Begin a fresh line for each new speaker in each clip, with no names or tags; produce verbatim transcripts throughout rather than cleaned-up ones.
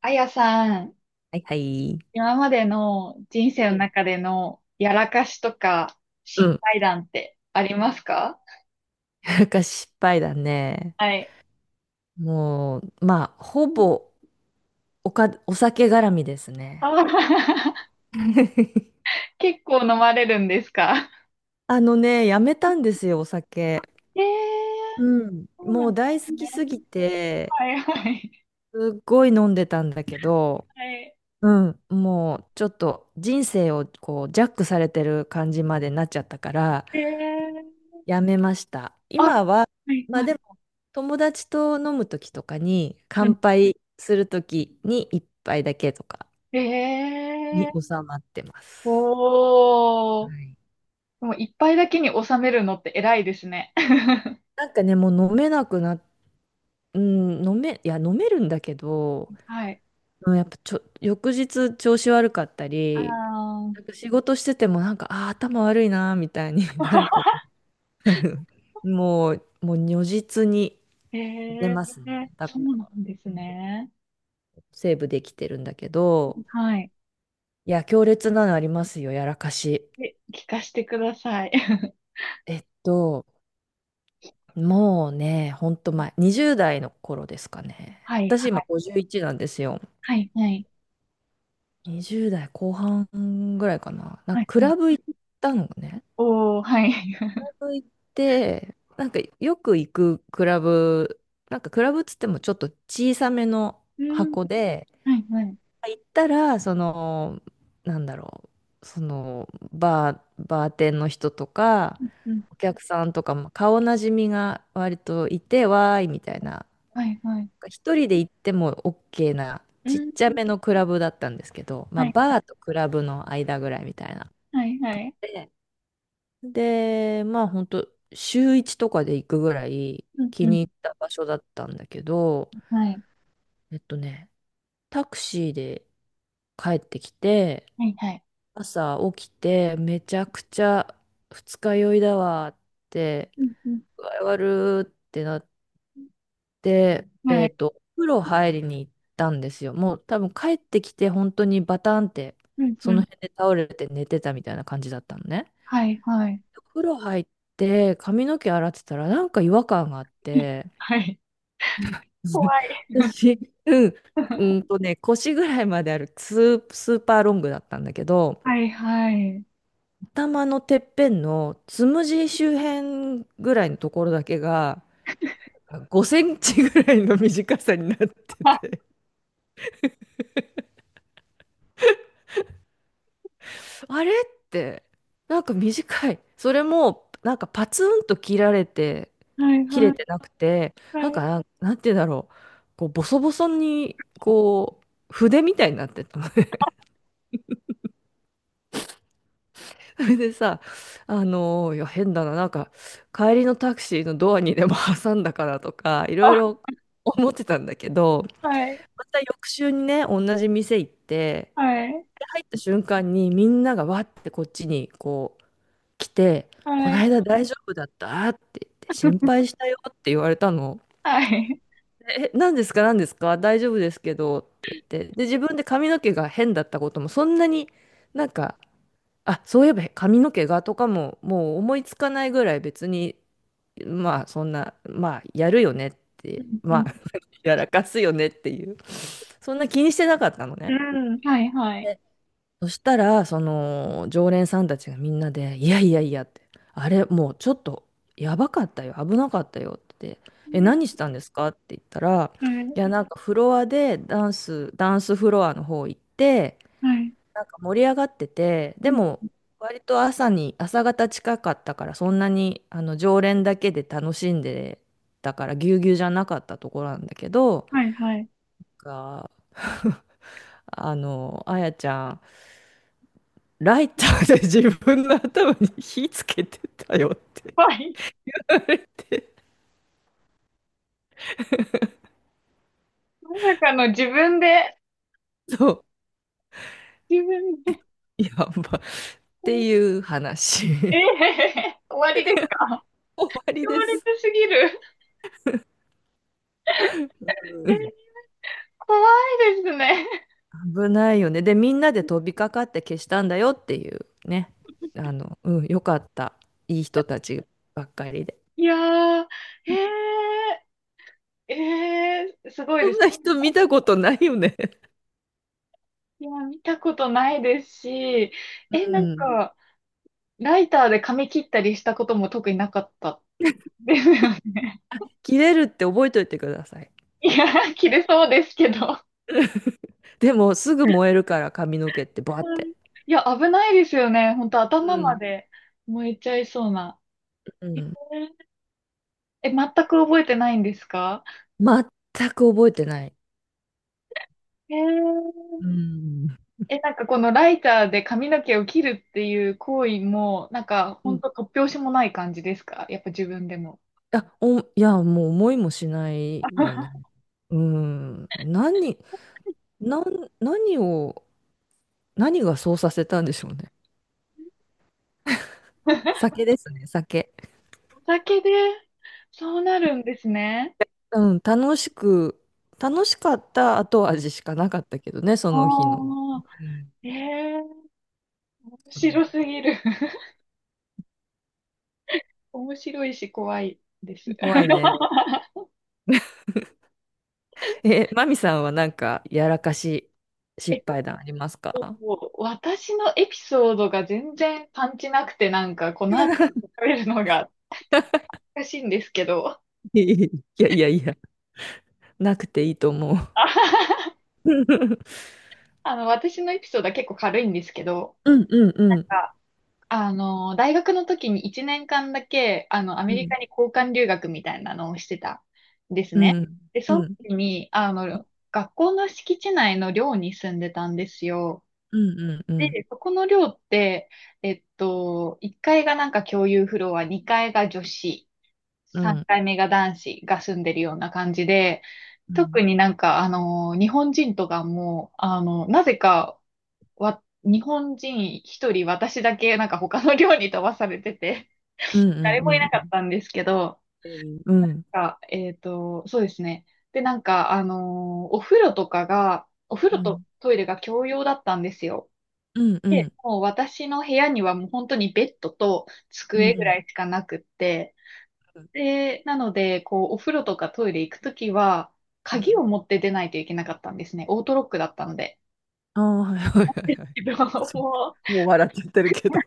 あやさん、
はいはい。
今までの人生の中でのやらかしとか
う
失
ん。
敗談ってありますか？
なんか失敗だね。
はい。
もう、まあ、ほぼおか、お酒絡みです
あ
ね。
ー。 結構飲まれるんですか？
あのね、やめたんですよ、お酒。
えー、
うん。
そうな
も
ん
う
で
大
す
好
ね。
きすぎて、
はいはい。
すっごい飲んでたんだけど、
はい。
うん、もうちょっと人生をこうジャックされてる感じまでなっちゃったから、
えー、
やめました。
あ、は
今は、
い
ま
は
あで
い。
も、友達と飲む時とかに、
う
乾
ん。
杯する時に一杯だけとか
え
に
ー、
収まってます。
おー。
はい。
でも一杯だけに収めるのって偉いですね。
なんかね、もう飲めなくなっ、うん、飲め、いや、飲めるんだけど、
はい。
うんやっぱちょ、翌日調子悪かった
あ
り、
ー。
なんか仕事しててもなんか、あー、頭悪いなーみたいに なるこ とある。もう、もう如実に
え
出
ー、
ますね。だ
そ
か
うな
ら
んですね。
セーブできてるんだけど、
はい。
いや、強烈なのありますよ、やらかし。
え、聞かせてください。
えっと、もうね、ほんと前、にじゅうだい代の頃ですかね。
はい、
私
は
今
い、
ごじゅういちなんですよ。
はい、はい、
にじゅうだい代後半ぐらいかな。なん
は
か
い、
ク
は
ラ
い。
ブ行ったのね。
おー、はい。
クラブ行って、なんかよく行くクラブ、なんかクラブっつってもちょっと小さめの
うん、
箱で、
はい、はい。
行ったら、その、なんだろう、その、バー、バーテンの人とか、
うん、うん、
お客さんとか、まあ顔なじみが割といて、わーい、みたいな。
はい、はい。
一人で行っても OK な、
う
ちっ
ん、
ちゃめのクラブだったんですけど、まあ、
はい、
バーとクラブの間ぐらいみたいな。
はい、はい。
で、でまあ、本当週いちとかで行くぐらい
うん、
気
うん、
に入った場所だったんだけど、
はい、
えっとね、タクシーで帰ってきて、
はい、はい。
朝起きてめちゃくちゃ二日酔いだわって、
うん、うん、
具合悪ってなって、
は
えっ
い、
と、お風呂入りに行ったんですよ。もう多分帰ってきて本当にバタンって
うん、
そ
う
の
ん、
辺で倒れて寝てたみたいな感じだったのね。
はい、はい。
お風呂入って髪の毛洗ってたらなんか違和感があっ て、
はい。怖 い。
私、うん、う んとね、腰ぐらいまであるスー、スーパーロングだったんだけど、
はい、はい。
頭のてっぺんのつむじ周辺ぐらいのところだけがごセンチぐらいの短さになって
あ、
て、あれって、なんか短い、それもなんかパツンと切られて
はい、
切
は
れ
い、
てなくて、なん
は
か
い。
なん、なんて言うんだろう、こうボソボソに、こう筆みたいになってたのね。 それでさ、あのーいや変だな、なんか帰りのタクシーのドアにでも挟んだかなとか、いろ
あ、
いろ思ってたんだけど、
はい、
また翌週にね、同じ店行って、
はい、
で入った瞬間にみんながわってこっちにこう来て、こ
は
の
い。
間大丈夫だったって言って、心配 したよって言われたの。
はい。
でえ、何ですか、何ですか、大丈夫ですけどって言って、で、自分で髪の毛が変だったことも、そんなになんか、あ、そういえば髪の毛がとかも、もう思いつかないぐらい別に、まあそんな、まあやるよねっ
う
て、
ん、う
まあ
ん、
やらかすよねっていう、そんな気にしてなかったの
う
ね。
ん、はい、はい。
で、そしたら、その、常連さんたちがみんなで、いやいやいやって、あれ、もうちょっと、やばかったよ、危なかったよって、え、何し
ね、
たんですかって言ったら、
はい、
いや、なんかフロアで、ダンス、ダンスフロアの方行って、
はい。
なんか盛り上がってて、
う
で
ん、
も、割と朝に、朝方近かったから、そんなに、あの、常連だけで楽しんでたから、ぎゅうぎゅうじゃなかったところなんだけど、
はい、はい。
が、 あの、あやちゃん、ライターで自分の頭に火つけてたよって
ぱい。
言われて
まさかの自分で、
そ
自分で。
う。やば。っていう話
え え、終わりですか？
終わり
強
で
烈
す。
すぎる。
うん、
え、怖いですね。
危ないよね。で、みんなで飛びかかって消したんだよっていうね。あの、うん、よかった。いい人たちばっかりで。
いやー、ええええ、すごい
こ
で
ん
す。
な人見たことないよね。
いや、見たことないですし、
う
え、なん
ん。
か、ライターで髪切ったりしたことも特になかったですよね。
切れるって覚えといてください。
いや、切れそうですけど。
でも、すぐ燃えるから髪の毛ってバーっ
うん。
て。
いや、危ないですよね。本当
う
頭ま
ん。
で燃えちゃいそうな。
う
へえ
ん。
え、全く覚えてないんですか？
全く覚えてない。
へえ。
うん。
え、なんかこのライターで髪の毛を切るっていう行為も、なんか
い
ほ
うん。
ん
い
と突拍子もない感じですか？やっぱ自分でも。
や、お、いや、もう思いもしないよね。うん。何、なん、何を、何がそうさせたんでしょうね。酒ですね、酒。
お酒でそうなるんですね。
うん、楽しく、楽しかった後味しかなかったけどね、そ
あ
の日の。
あ、
うん、
ええ、面
そ
白す
う、
ぎる。面白いし怖いです。
怖いね。え、マミさんはなんか、やらかし失
え、
敗談あります
と
か？
もう私のエピソードが全然パンチなくて、なんかこの後 食べるのが難しいんですけど。
いやいやいや、なくていいと思う。
あの、私のエピソードは結構軽いんですけど、
うんうんう
な
ん。
んかあの、大学の時にいちねんかんだけ、あの、ア
う
メリ
ん
カに交換留学みたいなのをしてたんです
う
ね。
ん、
で、
う
その
ん、
時に、あの、学校の敷地内の寮に住んでたんですよ。
うん、うん、うん、
で、そこの寮って、えっと、いっかいがなんか共有フロア、にかいが女子、
う
3
ん、
階目が男子が住んでるような感じで、
う
特
ん、
になんか、あの、日本人とかも、あの、なぜかわ、日本人一人私だけなんか他の寮に飛ばされてて、
う ん、う
誰
ん、
もい
うん、
な
っ
かったんですけど、
ていう、うん、
あ、えっと、そうですね。で、なんか、あのーお風呂とかが、お風
う
呂と
ん、
トイレが共用だったんですよ。
うん、う
で、
ん、
もう私の部屋にはもう本当にベッドと
う
机ぐ
ん、
らいしかなくって、
うん、
で、なので、こう、お風呂とかトイレ行くときは、
う
鍵
ん、
を持って出ないといけなかったんですね。オートロックだったので。
ああ、はいはいは
自
いはい。
分は
そ
も
う、もう笑っちゃってるけど。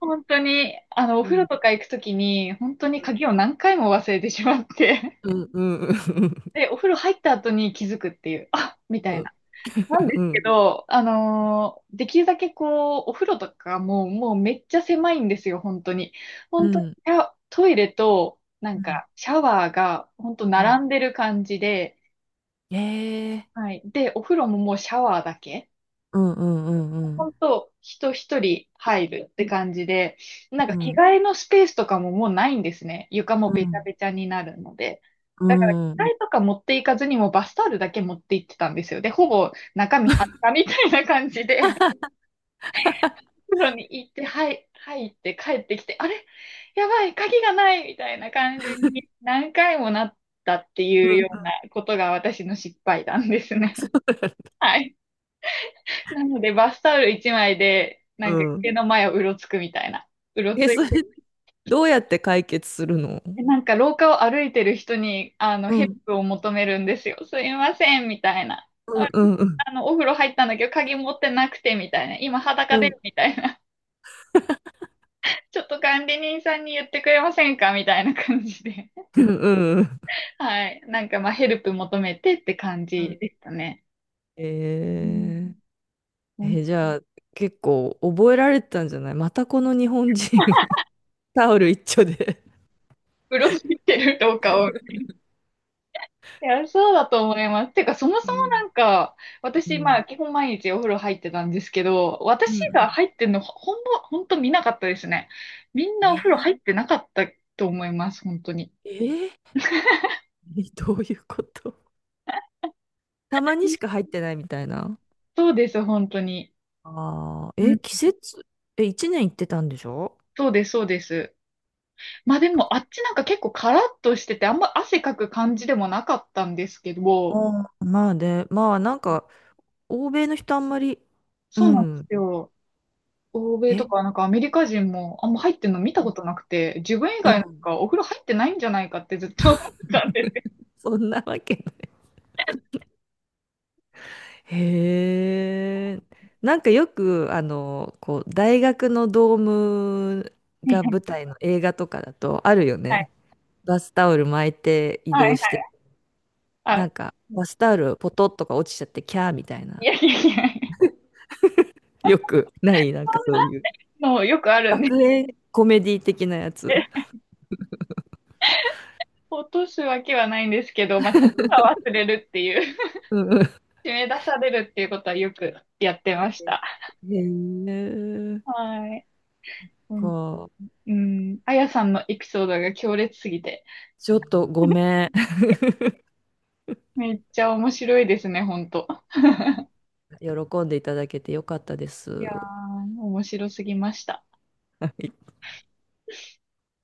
本当に、あの、お
う
風呂
ん、
とか行くときに、本当に鍵を何回も忘れてしまって、
うん、うん、うん、
で、お風呂入った後に気づくっていう、あ、みた
う
い
ん、
な。なんで
う
すけ
ん、
ど、あのーできるだけこう、お風呂とかもう、もうめっちゃ狭いんですよ、本当に。
う
本
ん、
当に、
うん、
いやトイレと、な
う
ん
ん、
か、シャワーが、本当
うん、
並んでる感じで、
ええ、
はい。で、お風呂ももうシャワーだけ。
うん、うん、うん、うん、
本当、人一人入るって感じで、なん
う
か着
ん、
替えのスペースとかももうないんですね。床も
う
べちゃ
ん、
べちゃになるので。
う
だから着替
ん、
えとか持っていかずにもうバスタオルだけ持って行ってたんですよ。で、ほぼ中身裸みたいな感じで、風呂に行って、はい、入って帰ってきて、あれ、やばい、鍵がないみたいな感じに何回もなったっていうようなことが私の失敗談ですね。はい。なので、バスタオル一枚で、な
う
んか家
ん、
の前をうろつくみたいな。うろ
え、
つい
それ、
て、
どうやって解決するの？
なんか廊下を歩いてる人に、あの、
う
ヘル
ん、
プを求めるんですよ。すいません、みたいな。
う
あ
ん、うん、うん。
あの、お風呂入ったんだけど、鍵持ってなくて、みたいな。今裸
うん。
で、みたいな。ちょっと管理人さんに言ってくれませんか、みたいな感じで。
うんうん
はい。なんか、まあ、ヘルプ求めてって感
う
じ
ん。
でしたね。う
えー、
ん。
え、じゃあ、結構覚えられてたんじゃない、またこの日本人 タオル一丁で。
うろついてる廊下を。いや、そうだと思います。てか、そもそ
う
もな
ん。
んか、
う
私、ま
ん。
あ、基本毎日お風呂入ってたんですけど、
う
私
ん
が
う
入ってんの、ほんま、ほんと見なかったですね。みん
ん。
なお風呂
え
入ってなかったと思います、本当に。
ー、えー、どういうこと、たまにしか入ってないみたいな。
そうです、本当に。
ああ、
う
え、季
ん、
節、え、いちねん行ってたんでしょ？
そうです、そうです。まあでも、あっちなんか結構カラッとしてて、あんま汗かく感じでもなかったんですけど、
ああ、まあね、まあなんか、欧米の人あんまり、う
そうなんで
ん。
すよ。欧米
え、
とか、なんかアメリカ人もあんま入ってんの見たことなくて、自分以
う
外なん
ん。
かお風呂入ってないんじゃないかってずっと思ってたん。
そんなわけ。へえ。なんかよく、あの、こう、大学のドーム
はい、
が
は
舞
い。
台の映画とかだとあるよね。バスタオル巻いて移
はい、
動
は
し
い、
て、
はい、は
な
い、
ん
あ、
か、バスタオルポトッとか落ちちゃってキャーみたい
い
な。
やいやいや、
よくない、なんかそうい
そ
う。
んなのよくあるんで、
学園コメディ的なやつ。
落とすわけはないんですけど、まあ、がは忘れるっていう、
うんう
締め出されるっていうことはよくやってまし
ん。
た。
へえ。
はい。う
こ
ん、
う、
うん、あやさんのエピソードが強烈すぎて、
ちょっとごめん。
めっちゃ面白いですね、ほんと。
喜んでいただけてよかったで
い
す。
やー、面白すぎました。
はい